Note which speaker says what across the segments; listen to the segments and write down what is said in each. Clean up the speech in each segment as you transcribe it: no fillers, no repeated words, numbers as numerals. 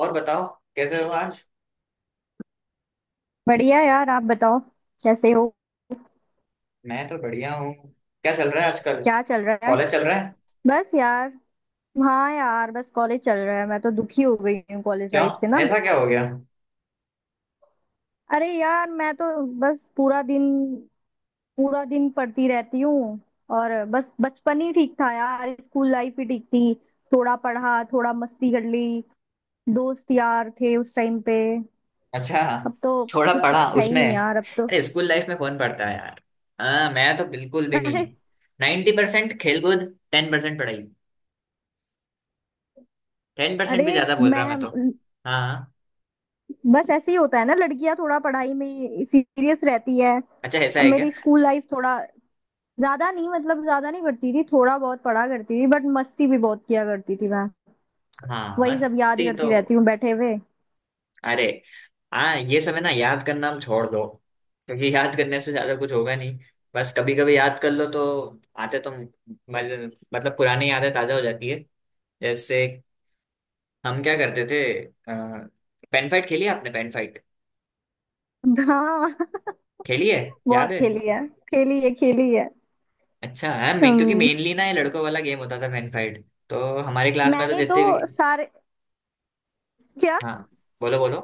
Speaker 1: और बताओ। कैसे हो आज?
Speaker 2: बढ़िया यार। आप बताओ कैसे हो।
Speaker 1: मैं तो बढ़िया हूँ। क्या चल रहा है आजकल?
Speaker 2: क्या चल रहा है।
Speaker 1: कॉलेज चल रहा है।
Speaker 2: बस यार। हाँ यार, बस कॉलेज चल रहा है। मैं तो दुखी हो गई हूँ कॉलेज
Speaker 1: क्यों?
Speaker 2: लाइफ से ना।
Speaker 1: ऐसा क्या हो गया?
Speaker 2: अरे यार, मैं तो बस पूरा दिन पढ़ती रहती हूँ। और बस बचपन ही ठीक था यार। स्कूल लाइफ ही ठीक थी। थोड़ा पढ़ा, थोड़ा मस्ती कर ली। दोस्त यार थे उस टाइम पे।
Speaker 1: अच्छा।
Speaker 2: अब तो
Speaker 1: थोड़ा
Speaker 2: कुछ
Speaker 1: पढ़ा
Speaker 2: है ही
Speaker 1: उसमें?
Speaker 2: नहीं यार, अब तो।
Speaker 1: अरे स्कूल लाइफ में कौन पढ़ता है यार। हाँ, मैं तो बिल्कुल भी नहीं।
Speaker 2: अरे।
Speaker 1: 90 परसेंट खेल कूद, 10% पढ़ाई। 10% भी
Speaker 2: अरे
Speaker 1: ज्यादा बोल रहा मैं तो।
Speaker 2: मैं
Speaker 1: हाँ हाँ।
Speaker 2: बस ऐसे ही होता है ना, लड़कियां थोड़ा पढ़ाई में सीरियस रहती है।
Speaker 1: अच्छा, ऐसा
Speaker 2: अब
Speaker 1: है क्या?
Speaker 2: मेरी स्कूल लाइफ थोड़ा ज्यादा नहीं, मतलब ज्यादा नहीं पढ़ती थी, थोड़ा बहुत पढ़ा करती थी, बट मस्ती भी बहुत किया करती थी मैं।
Speaker 1: हाँ
Speaker 2: वही सब याद
Speaker 1: मस्ती तो।
Speaker 2: करती रहती हूँ बैठे हुए।
Speaker 1: अरे हाँ, ये समय ना याद करना हम छोड़ दो, क्योंकि याद करने से ज्यादा कुछ होगा नहीं। बस कभी कभी याद कर लो तो आते तो मजे, मतलब पुरानी यादें ताजा हो जाती है। जैसे हम क्या करते थे? पेन फाइट खेली है आपने? पेन फाइट
Speaker 2: हाँ।
Speaker 1: खेली है? याद
Speaker 2: बहुत
Speaker 1: है?
Speaker 2: खेली है, खेली है, खेली है।
Speaker 1: अच्छा है। मैं क्योंकि,
Speaker 2: हम्म।
Speaker 1: मेनली ना, ये लड़कों वाला गेम होता था, पेन फाइट। तो हमारे क्लास में तो
Speaker 2: मैंने तो
Speaker 1: जितने भी।
Speaker 2: सारे। क्या?
Speaker 1: हाँ बोलो बोलो।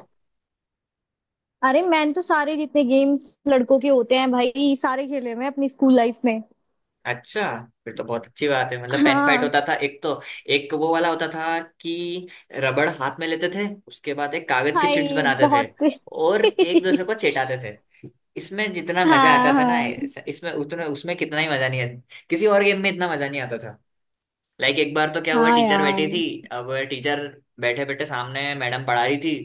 Speaker 2: अरे मैंने तो सारे जितने गेम्स लड़कों के होते हैं भाई, सारे खेले मैं अपनी स्कूल लाइफ में।
Speaker 1: अच्छा, फिर तो बहुत अच्छी बात है। मतलब पेन फाइट
Speaker 2: हाँ।
Speaker 1: होता था एक तो, एक वो वाला होता था कि रबड़ हाथ में लेते थे, उसके बाद एक कागज के चिट्स
Speaker 2: हाय
Speaker 1: बनाते थे
Speaker 2: बहुत।
Speaker 1: और एक दूसरे को चेटाते थे। इसमें जितना मजा आता
Speaker 2: हाँ,
Speaker 1: था ना
Speaker 2: हाँ,
Speaker 1: इसमें उतना, उसमें कितना ही मजा नहीं आता, किसी और गेम में इतना मजा नहीं आता था। लाइक एक बार तो क्या हुआ,
Speaker 2: हाँ
Speaker 1: टीचर बैठी
Speaker 2: यार।
Speaker 1: थी। अब टीचर बैठे बैठे, सामने मैडम पढ़ा रही थी।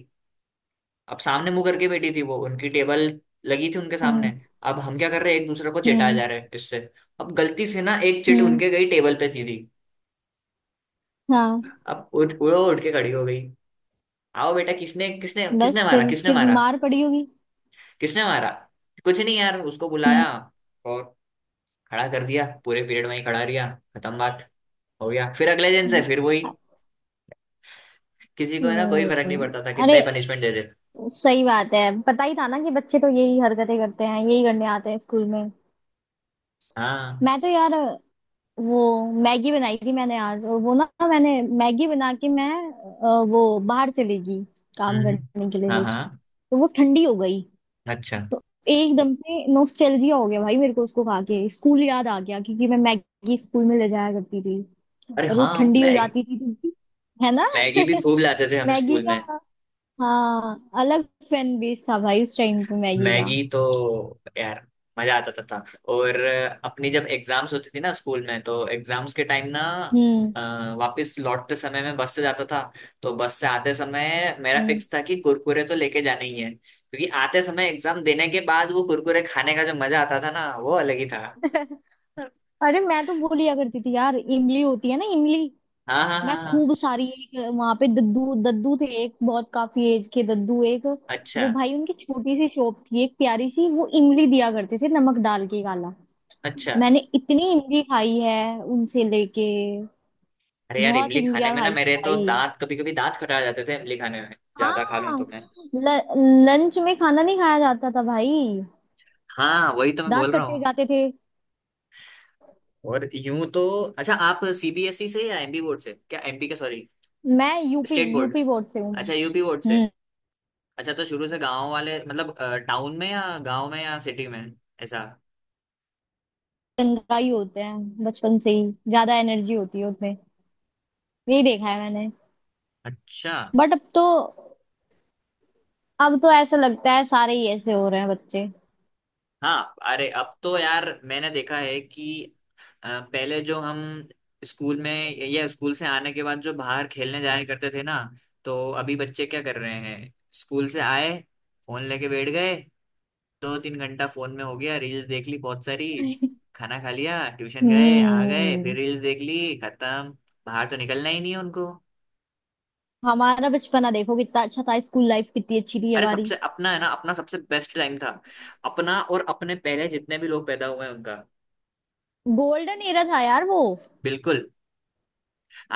Speaker 1: अब सामने मुंह करके बैठी थी वो, उनकी टेबल लगी थी उनके सामने।
Speaker 2: हम्म,
Speaker 1: अब हम क्या कर रहे हैं, एक दूसरे को चिढ़ाए
Speaker 2: हम्म,
Speaker 1: जा रहे हैं इससे। अब गलती से ना एक चिट
Speaker 2: हम्म।
Speaker 1: उनके गई टेबल पे सीधी।
Speaker 2: हाँ,
Speaker 1: अब उठ वो उठ के खड़ी हो गई। आओ बेटा, किसने किसने किसने
Speaker 2: बस
Speaker 1: मारा
Speaker 2: फिर
Speaker 1: किसने
Speaker 2: फिर
Speaker 1: मारा
Speaker 2: मार पड़ी होगी।
Speaker 1: किसने मारा कुछ नहीं यार, उसको बुलाया
Speaker 2: हम्म,
Speaker 1: और खड़ा कर दिया, पूरे पीरियड में ही खड़ा रिया। खत्म बात। हो गया, फिर अगले दिन से फिर वही। किसी को है ना, कोई फर्क नहीं
Speaker 2: हम्म।
Speaker 1: पड़ता था कितना
Speaker 2: अरे,
Speaker 1: ही पनिशमेंट दे दे।
Speaker 2: सही बात है। पता ही था ना कि बच्चे तो यही हरकतें करते हैं, यही करने आते हैं स्कूल में।
Speaker 1: हाँ।
Speaker 2: मैं तो यार, वो मैगी बनाई थी मैंने आज, और वो ना, मैंने मैगी बना के वो बाहर चली गई काम
Speaker 1: हम्म।
Speaker 2: करने के लिए
Speaker 1: हाँ
Speaker 2: कुछ,
Speaker 1: हाँ।
Speaker 2: तो वो ठंडी हो गई।
Speaker 1: अच्छा।
Speaker 2: तो एकदम से नोस्टैल्जिया हो गया भाई मेरे को, उसको खा के स्कूल याद आ गया, क्योंकि मैं मैगी स्कूल में ले जाया करती थी।
Speaker 1: अरे
Speaker 2: और वो
Speaker 1: हाँ,
Speaker 2: ठंडी हो
Speaker 1: मैगी।
Speaker 2: जाती थी तो, है ना।
Speaker 1: मैगी भी खूब लाते थे हम
Speaker 2: मैगी
Speaker 1: स्कूल
Speaker 2: का,
Speaker 1: में।
Speaker 2: हाँ, अलग फैन बेस था भाई उस टाइम पे मैगी का।
Speaker 1: मैगी तो यार मजा आ जाता था। और अपनी जब एग्जाम्स होती थी ना स्कूल में, तो एग्जाम्स के टाइम ना,
Speaker 2: हम्म,
Speaker 1: अ, वापस लौटते समय मैं बस से जाता था। तो बस से आते समय मेरा
Speaker 2: हम्म।
Speaker 1: फिक्स था कि कुरकुरे तो लेके जाने ही है, क्योंकि आते समय एग्जाम देने के बाद वो कुरकुरे खाने का जो मजा आता था ना, वो अलग ही था।
Speaker 2: अरे, मैं तो वो लिया करती थी यार, इमली होती है ना, इमली।
Speaker 1: हाँ हाँ
Speaker 2: मैं
Speaker 1: हाँ हाँ।
Speaker 2: खूब सारी, एक वहां पे दद्दू दद्दू थे, एक बहुत काफी एज के दद्दू, एक।
Speaker 1: अच्छा।
Speaker 2: वो भाई, उनकी छोटी सी शॉप थी एक प्यारी सी, वो इमली दिया करते थे नमक डाल के, काला।
Speaker 1: अच्छा।
Speaker 2: मैंने इतनी इमली खाई है उनसे लेके।
Speaker 1: अरे यार,
Speaker 2: बहुत
Speaker 1: इमली खाने
Speaker 2: इमलियां
Speaker 1: में ना
Speaker 2: खाई है
Speaker 1: मेरे तो
Speaker 2: भाई।
Speaker 1: दांत, कभी कभी दांत खटा जाते थे इमली खाने में, ज्यादा खा लूं
Speaker 2: हाँ।
Speaker 1: तो मैं।
Speaker 2: ल, लंच में खाना नहीं खाया जाता था भाई।
Speaker 1: हाँ, वही तो मैं
Speaker 2: दांत
Speaker 1: बोल रहा
Speaker 2: कट्टे
Speaker 1: हूँ।
Speaker 2: जाते थे।
Speaker 1: और यूं तो, अच्छा, आप सीबीएसई से या एमपी बोर्ड से? क्या एमपी का, सॉरी
Speaker 2: मैं UP
Speaker 1: state board.
Speaker 2: UP board से हूँ मैं।
Speaker 1: अच्छा, यूपी बोर्ड से।
Speaker 2: हम्म।
Speaker 1: अच्छा, तो शुरू से गांव वाले, मतलब टाउन में या गांव में या सिटी में, ऐसा?
Speaker 2: गंगाई होते हैं बचपन से ही, ज्यादा एनर्जी होती है उसमें, यही देखा है मैंने।
Speaker 1: अच्छा।
Speaker 2: बट अब तो ऐसा लगता है सारे ही ऐसे हो रहे हैं बच्चे।
Speaker 1: हाँ अरे अब तो यार मैंने देखा है कि पहले जो हम स्कूल में या स्कूल से आने के बाद जो बाहर खेलने जाया करते थे ना, तो अभी बच्चे क्या कर रहे हैं? स्कूल से आए, फोन लेके बैठ गए, दो तीन घंटा फोन में हो गया, रील्स देख ली बहुत सारी, खाना खा लिया, ट्यूशन गए, आ गए, फिर
Speaker 2: हम्म।
Speaker 1: रील्स देख ली, खत्म। बाहर तो निकलना ही नहीं है उनको।
Speaker 2: हमारा बचपना देखो कितना अच्छा था, स्कूल लाइफ कितनी अच्छी थी
Speaker 1: अरे
Speaker 2: हमारी।
Speaker 1: सबसे अपना है ना, अपना सबसे बेस्ट टाइम था, अपना और अपने पहले जितने भी लोग पैदा हुए हैं उनका।
Speaker 2: गोल्डन एरा था यार वो।
Speaker 1: बिल्कुल।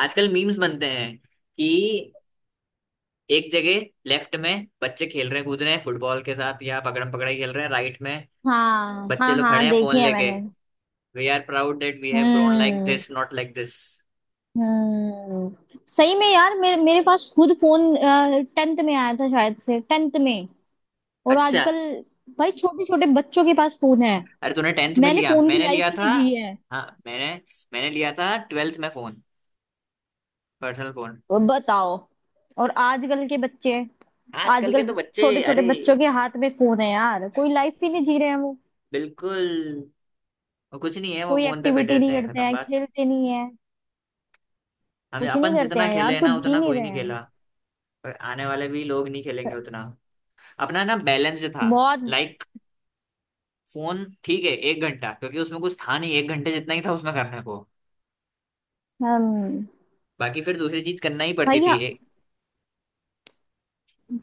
Speaker 1: आजकल मीम्स बनते हैं कि एक जगह लेफ्ट में बच्चे खेल रहे हैं, कूद रहे हैं फुटबॉल के साथ, या पकड़म पकड़ाई खेल रहे हैं, राइट में
Speaker 2: हाँ,
Speaker 1: बच्चे
Speaker 2: हाँ,
Speaker 1: लोग खड़े
Speaker 2: हाँ,
Speaker 1: हैं फोन
Speaker 2: देखे हैं
Speaker 1: लेके।
Speaker 2: मैंने।
Speaker 1: We are proud that we have grown like
Speaker 2: हम्म,
Speaker 1: दिस, नॉट लाइक दिस।
Speaker 2: हम्म। सही में यार, मेरे मेरे पास खुद फोन टेंथ में आया था, शायद से टेंथ में। और
Speaker 1: अच्छा,
Speaker 2: आजकल भाई, छोटे छोटे बच्चों के पास फोन है।
Speaker 1: अरे तूने टेंथ में
Speaker 2: मैंने
Speaker 1: लिया?
Speaker 2: फोन की
Speaker 1: मैंने
Speaker 2: लाइफ
Speaker 1: लिया
Speaker 2: ही
Speaker 1: था,
Speaker 2: नहीं जी है।
Speaker 1: हाँ। मैंने मैंने लिया था ट्वेल्थ में फोन, पर्सनल फोन।
Speaker 2: और बताओ, और आजकल के बच्चे,
Speaker 1: आजकल के
Speaker 2: आजकल
Speaker 1: तो बच्चे,
Speaker 2: छोटे छोटे
Speaker 1: अरे
Speaker 2: बच्चों के हाथ में फोन है यार, कोई लाइफ ही नहीं जी रहे हैं वो।
Speaker 1: बिल्कुल, वो कुछ नहीं है, वो
Speaker 2: कोई
Speaker 1: फोन पे बैठे
Speaker 2: एक्टिविटी
Speaker 1: रहते
Speaker 2: नहीं
Speaker 1: हैं,
Speaker 2: करते
Speaker 1: खत्म
Speaker 2: हैं,
Speaker 1: बात।
Speaker 2: खेलते नहीं है,
Speaker 1: हम
Speaker 2: कुछ नहीं
Speaker 1: अपन
Speaker 2: करते
Speaker 1: जितना
Speaker 2: हैं
Speaker 1: खेले
Speaker 2: यार,
Speaker 1: हैं
Speaker 2: कुछ
Speaker 1: ना,
Speaker 2: जी
Speaker 1: उतना
Speaker 2: नहीं
Speaker 1: कोई
Speaker 2: रहे
Speaker 1: नहीं
Speaker 2: हैं।
Speaker 1: खेला, और आने वाले भी लोग नहीं खेलेंगे उतना। अपना ना बैलेंस जो था,
Speaker 2: बहुत।
Speaker 1: लाइक फोन ठीक है एक घंटा, क्योंकि उसमें कुछ था नहीं, एक घंटे जितना ही था उसमें करने को,
Speaker 2: हम
Speaker 1: बाकी फिर दूसरी चीज करना ही
Speaker 2: भाई
Speaker 1: पड़ती थी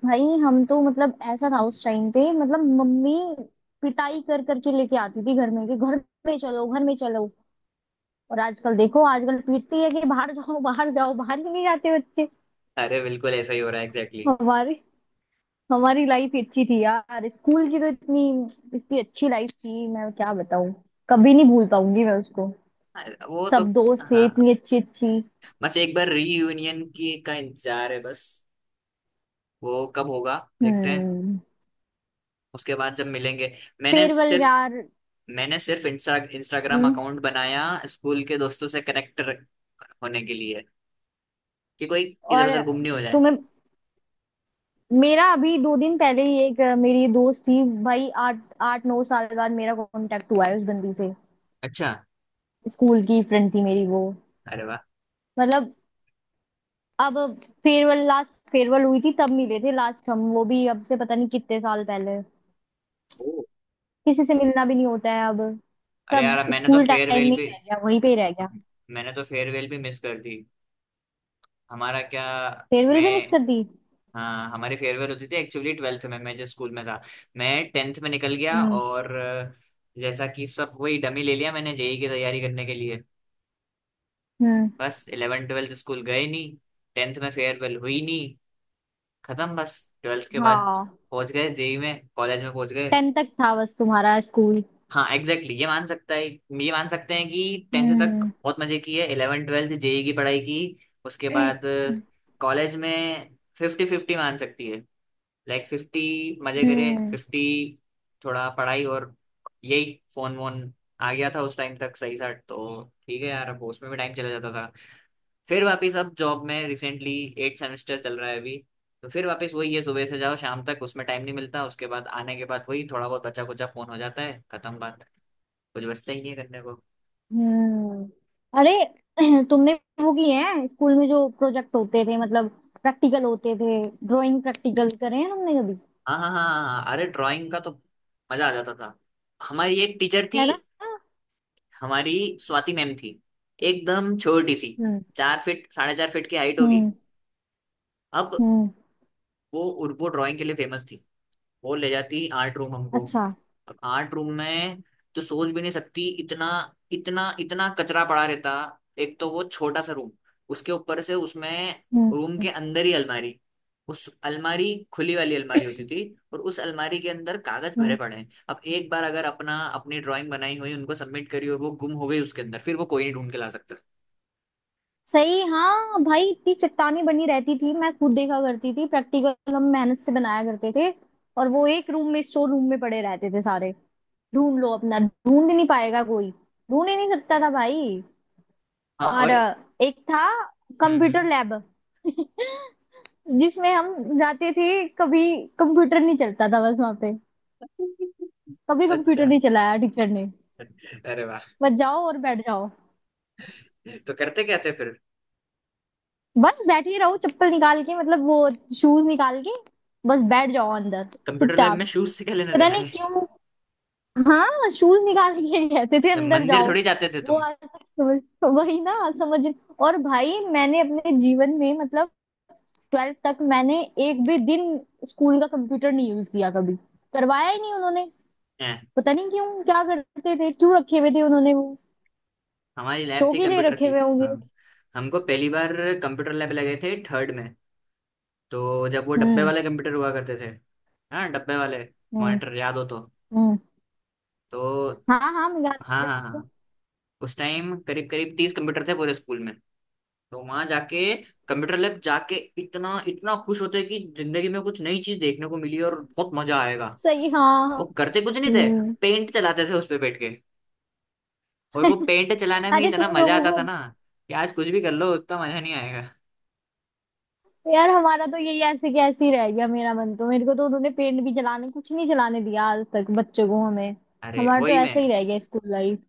Speaker 2: भाई हम तो मतलब ऐसा था उस टाइम पे, मतलब मम्मी पिटाई कर करके लेके आती थी घर में कि घर में चलो, घर में चलो। और आजकल देखो, आजकल पीटती है कि बाहर जाओ, बाहर जाओ, बाहर ही नहीं जाते बच्चे।
Speaker 1: अरे बिल्कुल ऐसा ही हो रहा है, एग्जैक्टली।
Speaker 2: हमारी हमारी लाइफ अच्छी थी यार, स्कूल की तो इतनी इतनी अच्छी लाइफ थी, मैं क्या बताऊं। कभी नहीं भूल पाऊंगी मैं उसको।
Speaker 1: Exactly. वो तो,
Speaker 2: सब दोस्त थे
Speaker 1: हाँ।
Speaker 2: इतनी अच्छी अच्छी।
Speaker 1: बस एक बार रीयूनियन की का इंतजार है बस, वो कब होगा देखते हैं।
Speaker 2: हम्म।
Speaker 1: उसके बाद जब मिलेंगे, मैंने
Speaker 2: फेयरवेल
Speaker 1: सिर्फ
Speaker 2: यार।
Speaker 1: मैंने सिर्फ इंस्टाग्राम
Speaker 2: हम्म।
Speaker 1: अकाउंट बनाया स्कूल के दोस्तों से कनेक्ट होने के लिए, कि कोई इधर
Speaker 2: और
Speaker 1: उधर गुम नहीं हो जाए।
Speaker 2: तुम्हें, मेरा अभी 2 दिन पहले ही एक मेरी दोस्त थी भाई, आठ आठ नौ साल बाद मेरा कांटेक्ट हुआ है उस बंदी से।
Speaker 1: अच्छा।
Speaker 2: स्कूल की फ्रेंड थी मेरी वो।
Speaker 1: अरे वाह।
Speaker 2: मतलब, अब फेयरवेल लास्ट फेयरवेल हुई थी तब मिले थे लास्ट हम, वो भी अब से पता नहीं कितने साल पहले।
Speaker 1: ओ,
Speaker 2: किसी से मिलना भी नहीं होता है अब।
Speaker 1: अरे
Speaker 2: सब
Speaker 1: यार, मैंने तो
Speaker 2: स्कूल टाइम
Speaker 1: फेयरवेल
Speaker 2: में ही
Speaker 1: भी,
Speaker 2: रह गया, वहीं पे ही रह गया।
Speaker 1: हम- मैंने तो फेयरवेल भी मिस कर दी। हमारा क्या,
Speaker 2: फेयरवेल भी मिस
Speaker 1: मैं,
Speaker 2: कर दी।
Speaker 1: हाँ, हमारी फेयरवेल होती थी एक्चुअली ट्वेल्थ में। मैं जिस स्कूल में था, मैं टेंथ में निकल गया,
Speaker 2: हम्म,
Speaker 1: और जैसा कि सब, वही डमी ले लिया मैंने जेई की तैयारी करने के लिए।
Speaker 2: हम्म।
Speaker 1: बस इलेवन ट्वेल्थ स्कूल गए नहीं, टेंथ में फेयरवेल हुई नहीं, खत्म बस। ट्वेल्थ के बाद
Speaker 2: हाँ,
Speaker 1: पहुंच गए जेई में, कॉलेज में पहुंच गए।
Speaker 2: टेंथ तक था बस तुम्हारा स्कूल।
Speaker 1: हाँ एग्जैक्टली, exactly, ये मान सकता है, ये मान सकते हैं कि टेंथ तक
Speaker 2: हम्म,
Speaker 1: बहुत मजे की है, इलेवन ट्वेल्थ जेई की पढ़ाई की। उसके बाद कॉलेज में फिफ्टी फिफ्टी मान सकती है, लाइक फिफ्टी मजे करे,
Speaker 2: हम्म,
Speaker 1: फिफ्टी थोड़ा पढ़ाई। और यही फोन वोन आ गया था उस टाइम तक सही सा, तो ठीक है यार, अब उसमें भी टाइम चला जाता था। फिर वापस अब जॉब में, रिसेंटली एट सेमेस्टर चल रहा है अभी, तो फिर वापस वही है, सुबह से जाओ शाम तक, उसमें टाइम नहीं मिलता, उसके बाद आने के बाद वही थोड़ा बहुत बचा कुचा फोन हो जाता है, खत्म बात। कुछ बचता ही नहीं है करने को।
Speaker 2: हम्म। अरे तुमने वो किए हैं स्कूल में, जो प्रोजेक्ट होते थे मतलब, प्रैक्टिकल होते थे। ड्राइंग प्रैक्टिकल करे हैं तुमने कभी।
Speaker 1: हाँ हाँ हाँ हाँ हाँ, अरे ड्राइंग का तो मजा आ जाता था। हमारी एक टीचर थी,
Speaker 2: है ना।
Speaker 1: हमारी स्वाति मैम थी, एकदम छोटी सी,
Speaker 2: हम्म,
Speaker 1: 4 फीट साढ़े 4 फीट की हाइट होगी।
Speaker 2: हम्म,
Speaker 1: अब
Speaker 2: हम्म।
Speaker 1: वो वो ड्राइंग के लिए फेमस थी, वो ले जाती आर्ट रूम हमको।
Speaker 2: अच्छा।
Speaker 1: अब आर्ट रूम में तो सोच भी नहीं सकती, इतना इतना इतना कचरा पड़ा रहता। एक तो वो छोटा सा रूम, उसके ऊपर से उसमें
Speaker 2: हम्म,
Speaker 1: रूम
Speaker 2: हम्म,
Speaker 1: के अंदर ही अलमारी, उस अलमारी खुली वाली अलमारी होती थी, और उस अलमारी के अंदर कागज भरे
Speaker 2: हम्म।
Speaker 1: पड़े हैं। अब एक बार अगर अपना, अपनी ड्राइंग बनाई हुई उनको सबमिट करी और वो गुम हो गई उसके अंदर, फिर वो कोई नहीं ढूंढ के ला सकता।
Speaker 2: सही। हाँ भाई, इतनी चट्टानी बनी रहती थी, मैं खुद देखा करती थी। प्रैक्टिकल हम मेहनत से बनाया करते थे। और वो एक रूम में, स्टोर रूम में पड़े रहते थे सारे। ढूंढ लो अपना, ढूंढ ही नहीं पाएगा कोई, ढूंढ ही नहीं सकता था भाई।
Speaker 1: हाँ
Speaker 2: और
Speaker 1: और,
Speaker 2: एक था
Speaker 1: हम्म।
Speaker 2: Computer lab. जिसमें हम जाते थे, कभी कंप्यूटर नहीं चलता था बस वहां पे। कभी कंप्यूटर
Speaker 1: अच्छा।
Speaker 2: नहीं चलाया टीचर ने।
Speaker 1: अरे वाह,
Speaker 2: बस जाओ और बैठ जाओ।
Speaker 1: तो करते क्या थे फिर?
Speaker 2: बस बैठी रहो चप्पल निकाल के, मतलब वो शूज निकाल के, बस बैठ जाओ अंदर
Speaker 1: कंप्यूटर लैब में
Speaker 2: चुपचाप।
Speaker 1: शूज से क्या लेना
Speaker 2: पता
Speaker 1: देना?
Speaker 2: नहीं क्यों। हाँ, शूज निकाल के कहते थे
Speaker 1: तो
Speaker 2: अंदर
Speaker 1: मंदिर
Speaker 2: जाओ।
Speaker 1: थोड़ी जाते थे
Speaker 2: वो
Speaker 1: तुम?
Speaker 2: आज तक समझ, वही ना आप समझ। और भाई, मैंने अपने जीवन में मतलब, ट्वेल्थ तक मैंने एक भी दिन स्कूल का कंप्यूटर नहीं यूज किया कभी। करवाया ही नहीं उन्होंने।
Speaker 1: हैं?
Speaker 2: पता नहीं क्यों, क्या करते थे, क्यों रखे हुए थे उन्होंने वो।
Speaker 1: हमारी लैब
Speaker 2: शो
Speaker 1: थी
Speaker 2: के लिए
Speaker 1: कंप्यूटर
Speaker 2: रखे
Speaker 1: की,
Speaker 2: हुए होंगे।
Speaker 1: हाँ। हमको पहली बार कंप्यूटर लैब लगे थे थर्ड में, तो जब वो डब्बे
Speaker 2: हम्म,
Speaker 1: वाले कंप्यूटर हुआ करते थे, हाँ डब्बे वाले,
Speaker 2: हम्म,
Speaker 1: मॉनिटर याद हो तो।
Speaker 2: हम्म।
Speaker 1: तो
Speaker 2: हाँ, हाँ, मैं याद
Speaker 1: हाँ हाँ
Speaker 2: है।
Speaker 1: हाँ, उस टाइम करीब करीब 30 कंप्यूटर थे पूरे स्कूल में। तो वहां जाके, कंप्यूटर लैब जाके, इतना इतना खुश होते कि जिंदगी में कुछ नई चीज देखने को मिली और बहुत मजा आएगा।
Speaker 2: सही, हाँ, हाँ।
Speaker 1: वो करते कुछ नहीं थे,
Speaker 2: हम्म।
Speaker 1: पेंट चलाते थे उस पे बैठ, और वो पेंट चलाने में
Speaker 2: अरे
Speaker 1: इतना
Speaker 2: तुम
Speaker 1: मजा
Speaker 2: लोगों
Speaker 1: आता
Speaker 2: को।
Speaker 1: था ना, कि आज कुछ भी कर लो उतना मजा नहीं आएगा।
Speaker 2: यार हमारा तो यही, ऐसे के ऐसे ही रह गया मेरा मन तो। मेरे को तो उन्होंने पेंट भी चलाने, कुछ नहीं चलाने दिया आज तक बच्चों को, हमें।
Speaker 1: अरे
Speaker 2: हमारा तो
Speaker 1: वही मैं,
Speaker 2: ऐसे ही रह गया स्कूल लाइफ।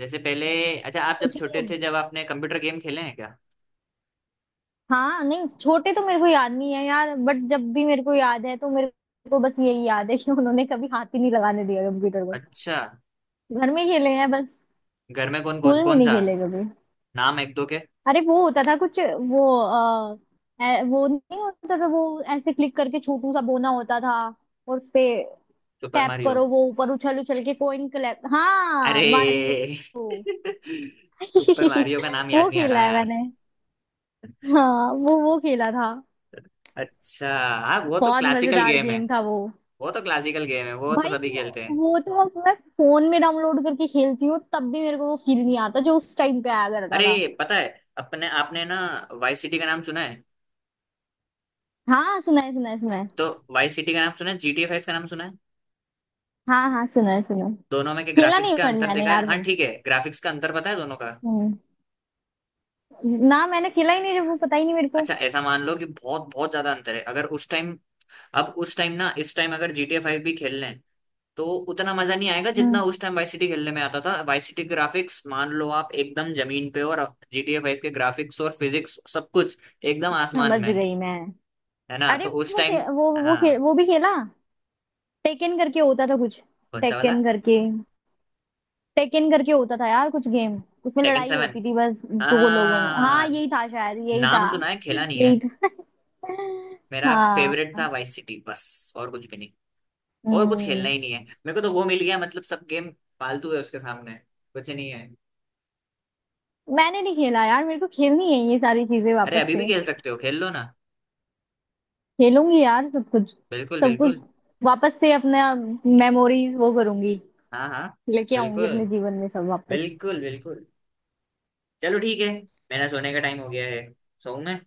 Speaker 1: जैसे पहले, अच्छा आप जब
Speaker 2: कुछ
Speaker 1: छोटे
Speaker 2: नहीं।
Speaker 1: थे, जब आपने कंप्यूटर गेम खेले हैं क्या?
Speaker 2: हाँ नहीं, छोटे तो मेरे को याद नहीं है यार, बट जब भी मेरे को याद है तो मेरे को बस यही याद है कि उन्होंने कभी हाथ ही नहीं लगाने दिया कंप्यूटर को।
Speaker 1: अच्छा,
Speaker 2: घर में खेले हैं बस।
Speaker 1: घर में कौन कौन,
Speaker 2: स्कूल में
Speaker 1: कौन
Speaker 2: नहीं
Speaker 1: सा
Speaker 2: खेले कभी।
Speaker 1: नाम, एक दो के?
Speaker 2: अरे, वो होता था कुछ, वो वो नहीं होता था, वो ऐसे क्लिक करके छोटू सा बोना होता था। और उसपे
Speaker 1: सुपर
Speaker 2: टैप
Speaker 1: मारियो,
Speaker 2: करो, वो ऊपर उछल उछल के कोइन कलेक्ट।
Speaker 1: अरे
Speaker 2: हाँ, मारियो।
Speaker 1: सुपर मारियो का नाम याद
Speaker 2: वो
Speaker 1: नहीं आ रहा
Speaker 2: खेला है
Speaker 1: यार।
Speaker 2: मैंने। हाँ, वो खेला था।
Speaker 1: अच्छा, हाँ वो तो
Speaker 2: बहुत
Speaker 1: क्लासिकल
Speaker 2: मजेदार
Speaker 1: गेम है,
Speaker 2: गेम था वो।
Speaker 1: वो तो
Speaker 2: भाई
Speaker 1: सभी
Speaker 2: वो,
Speaker 1: खेलते हैं।
Speaker 2: वो तो अब मैं फोन में डाउनलोड करके खेलती हूँ, तब भी मेरे को वो फील नहीं आता जो उस टाइम पे आया करता था।
Speaker 1: अरे पता है, अपने आपने ना वाई सिटी का नाम सुना है?
Speaker 2: हाँ, सुना है, सुना है, सुना है।
Speaker 1: तो वाई सिटी का नाम सुना है, GTA 5 का नाम सुना है,
Speaker 2: हाँ, हाँ, सुना है, सुना है।
Speaker 1: दोनों में के
Speaker 2: खेला
Speaker 1: ग्राफिक्स
Speaker 2: नहीं
Speaker 1: का
Speaker 2: बट,
Speaker 1: अंतर
Speaker 2: मैंने
Speaker 1: देखा है?
Speaker 2: यार
Speaker 1: हाँ
Speaker 2: वो
Speaker 1: ठीक है, ग्राफिक्स का अंतर पता है दोनों का?
Speaker 2: हम्म ना मैंने खेला ही नहीं वो, पता ही नहीं मेरे को।
Speaker 1: अच्छा, ऐसा मान लो कि बहुत बहुत ज्यादा अंतर है। अगर उस टाइम, अब उस टाइम ना, इस टाइम अगर GTA 5 भी खेल लें, तो उतना मजा नहीं आएगा जितना
Speaker 2: हम्म,
Speaker 1: उस टाइम वाई सिटी खेलने में आता था। वाई सिटी ग्राफिक्स मान लो आप एकदम जमीन पे, और GTA 5 के ग्राफिक्स और फिजिक्स सब कुछ एकदम आसमान
Speaker 2: समझ
Speaker 1: में।
Speaker 2: गई मैं।
Speaker 1: है ना?
Speaker 2: अरे,
Speaker 1: तो उस टाइम, हाँ।
Speaker 2: वो भी खेला। टेकन करके होता था कुछ।
Speaker 1: कौन सा वाला?
Speaker 2: टेकन करके टेकन करके होता था यार, कुछ गेम उसमें
Speaker 1: टेकन
Speaker 2: लड़ाई
Speaker 1: सेवन
Speaker 2: होती थी बस। दो लोगों में। हाँ,
Speaker 1: हाँ,
Speaker 2: यही था शायद, यही था,
Speaker 1: नाम सुना है, खेला नहीं है।
Speaker 2: यही था।
Speaker 1: मेरा
Speaker 2: हाँ,
Speaker 1: फेवरेट था वाई सिटी, बस और कुछ भी नहीं। और कुछ खेलना
Speaker 2: हम्म।
Speaker 1: ही नहीं है मेरे को, तो वो मिल गया मतलब। सब गेम फालतू है उसके सामने, कुछ नहीं है।
Speaker 2: मैंने नहीं खेला यार, मेरे को खेलनी है ये सारी चीजें
Speaker 1: अरे
Speaker 2: वापस
Speaker 1: अभी भी
Speaker 2: से।
Speaker 1: खेल सकते हो, खेल लो ना।
Speaker 2: खेलूंगी यार सब कुछ,
Speaker 1: बिल्कुल
Speaker 2: सब कुछ
Speaker 1: बिल्कुल।
Speaker 2: वापस से अपना मेमोरीज वो करूंगी,
Speaker 1: हाँ हाँ।
Speaker 2: लेके आऊंगी अपने
Speaker 1: बिल्कुल
Speaker 2: जीवन में सब वापस।
Speaker 1: बिल्कुल। बिल्कुल, चलो ठीक है, मेरा सोने का टाइम हो गया है, सोऊं मैं?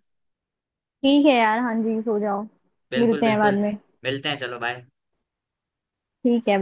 Speaker 2: ठीक है यार, हाँ जी सो जाओ।
Speaker 1: बिल्कुल
Speaker 2: मिलते हैं बाद
Speaker 1: बिल्कुल,
Speaker 2: में।
Speaker 1: मिलते हैं। चलो बाय।
Speaker 2: ठीक है।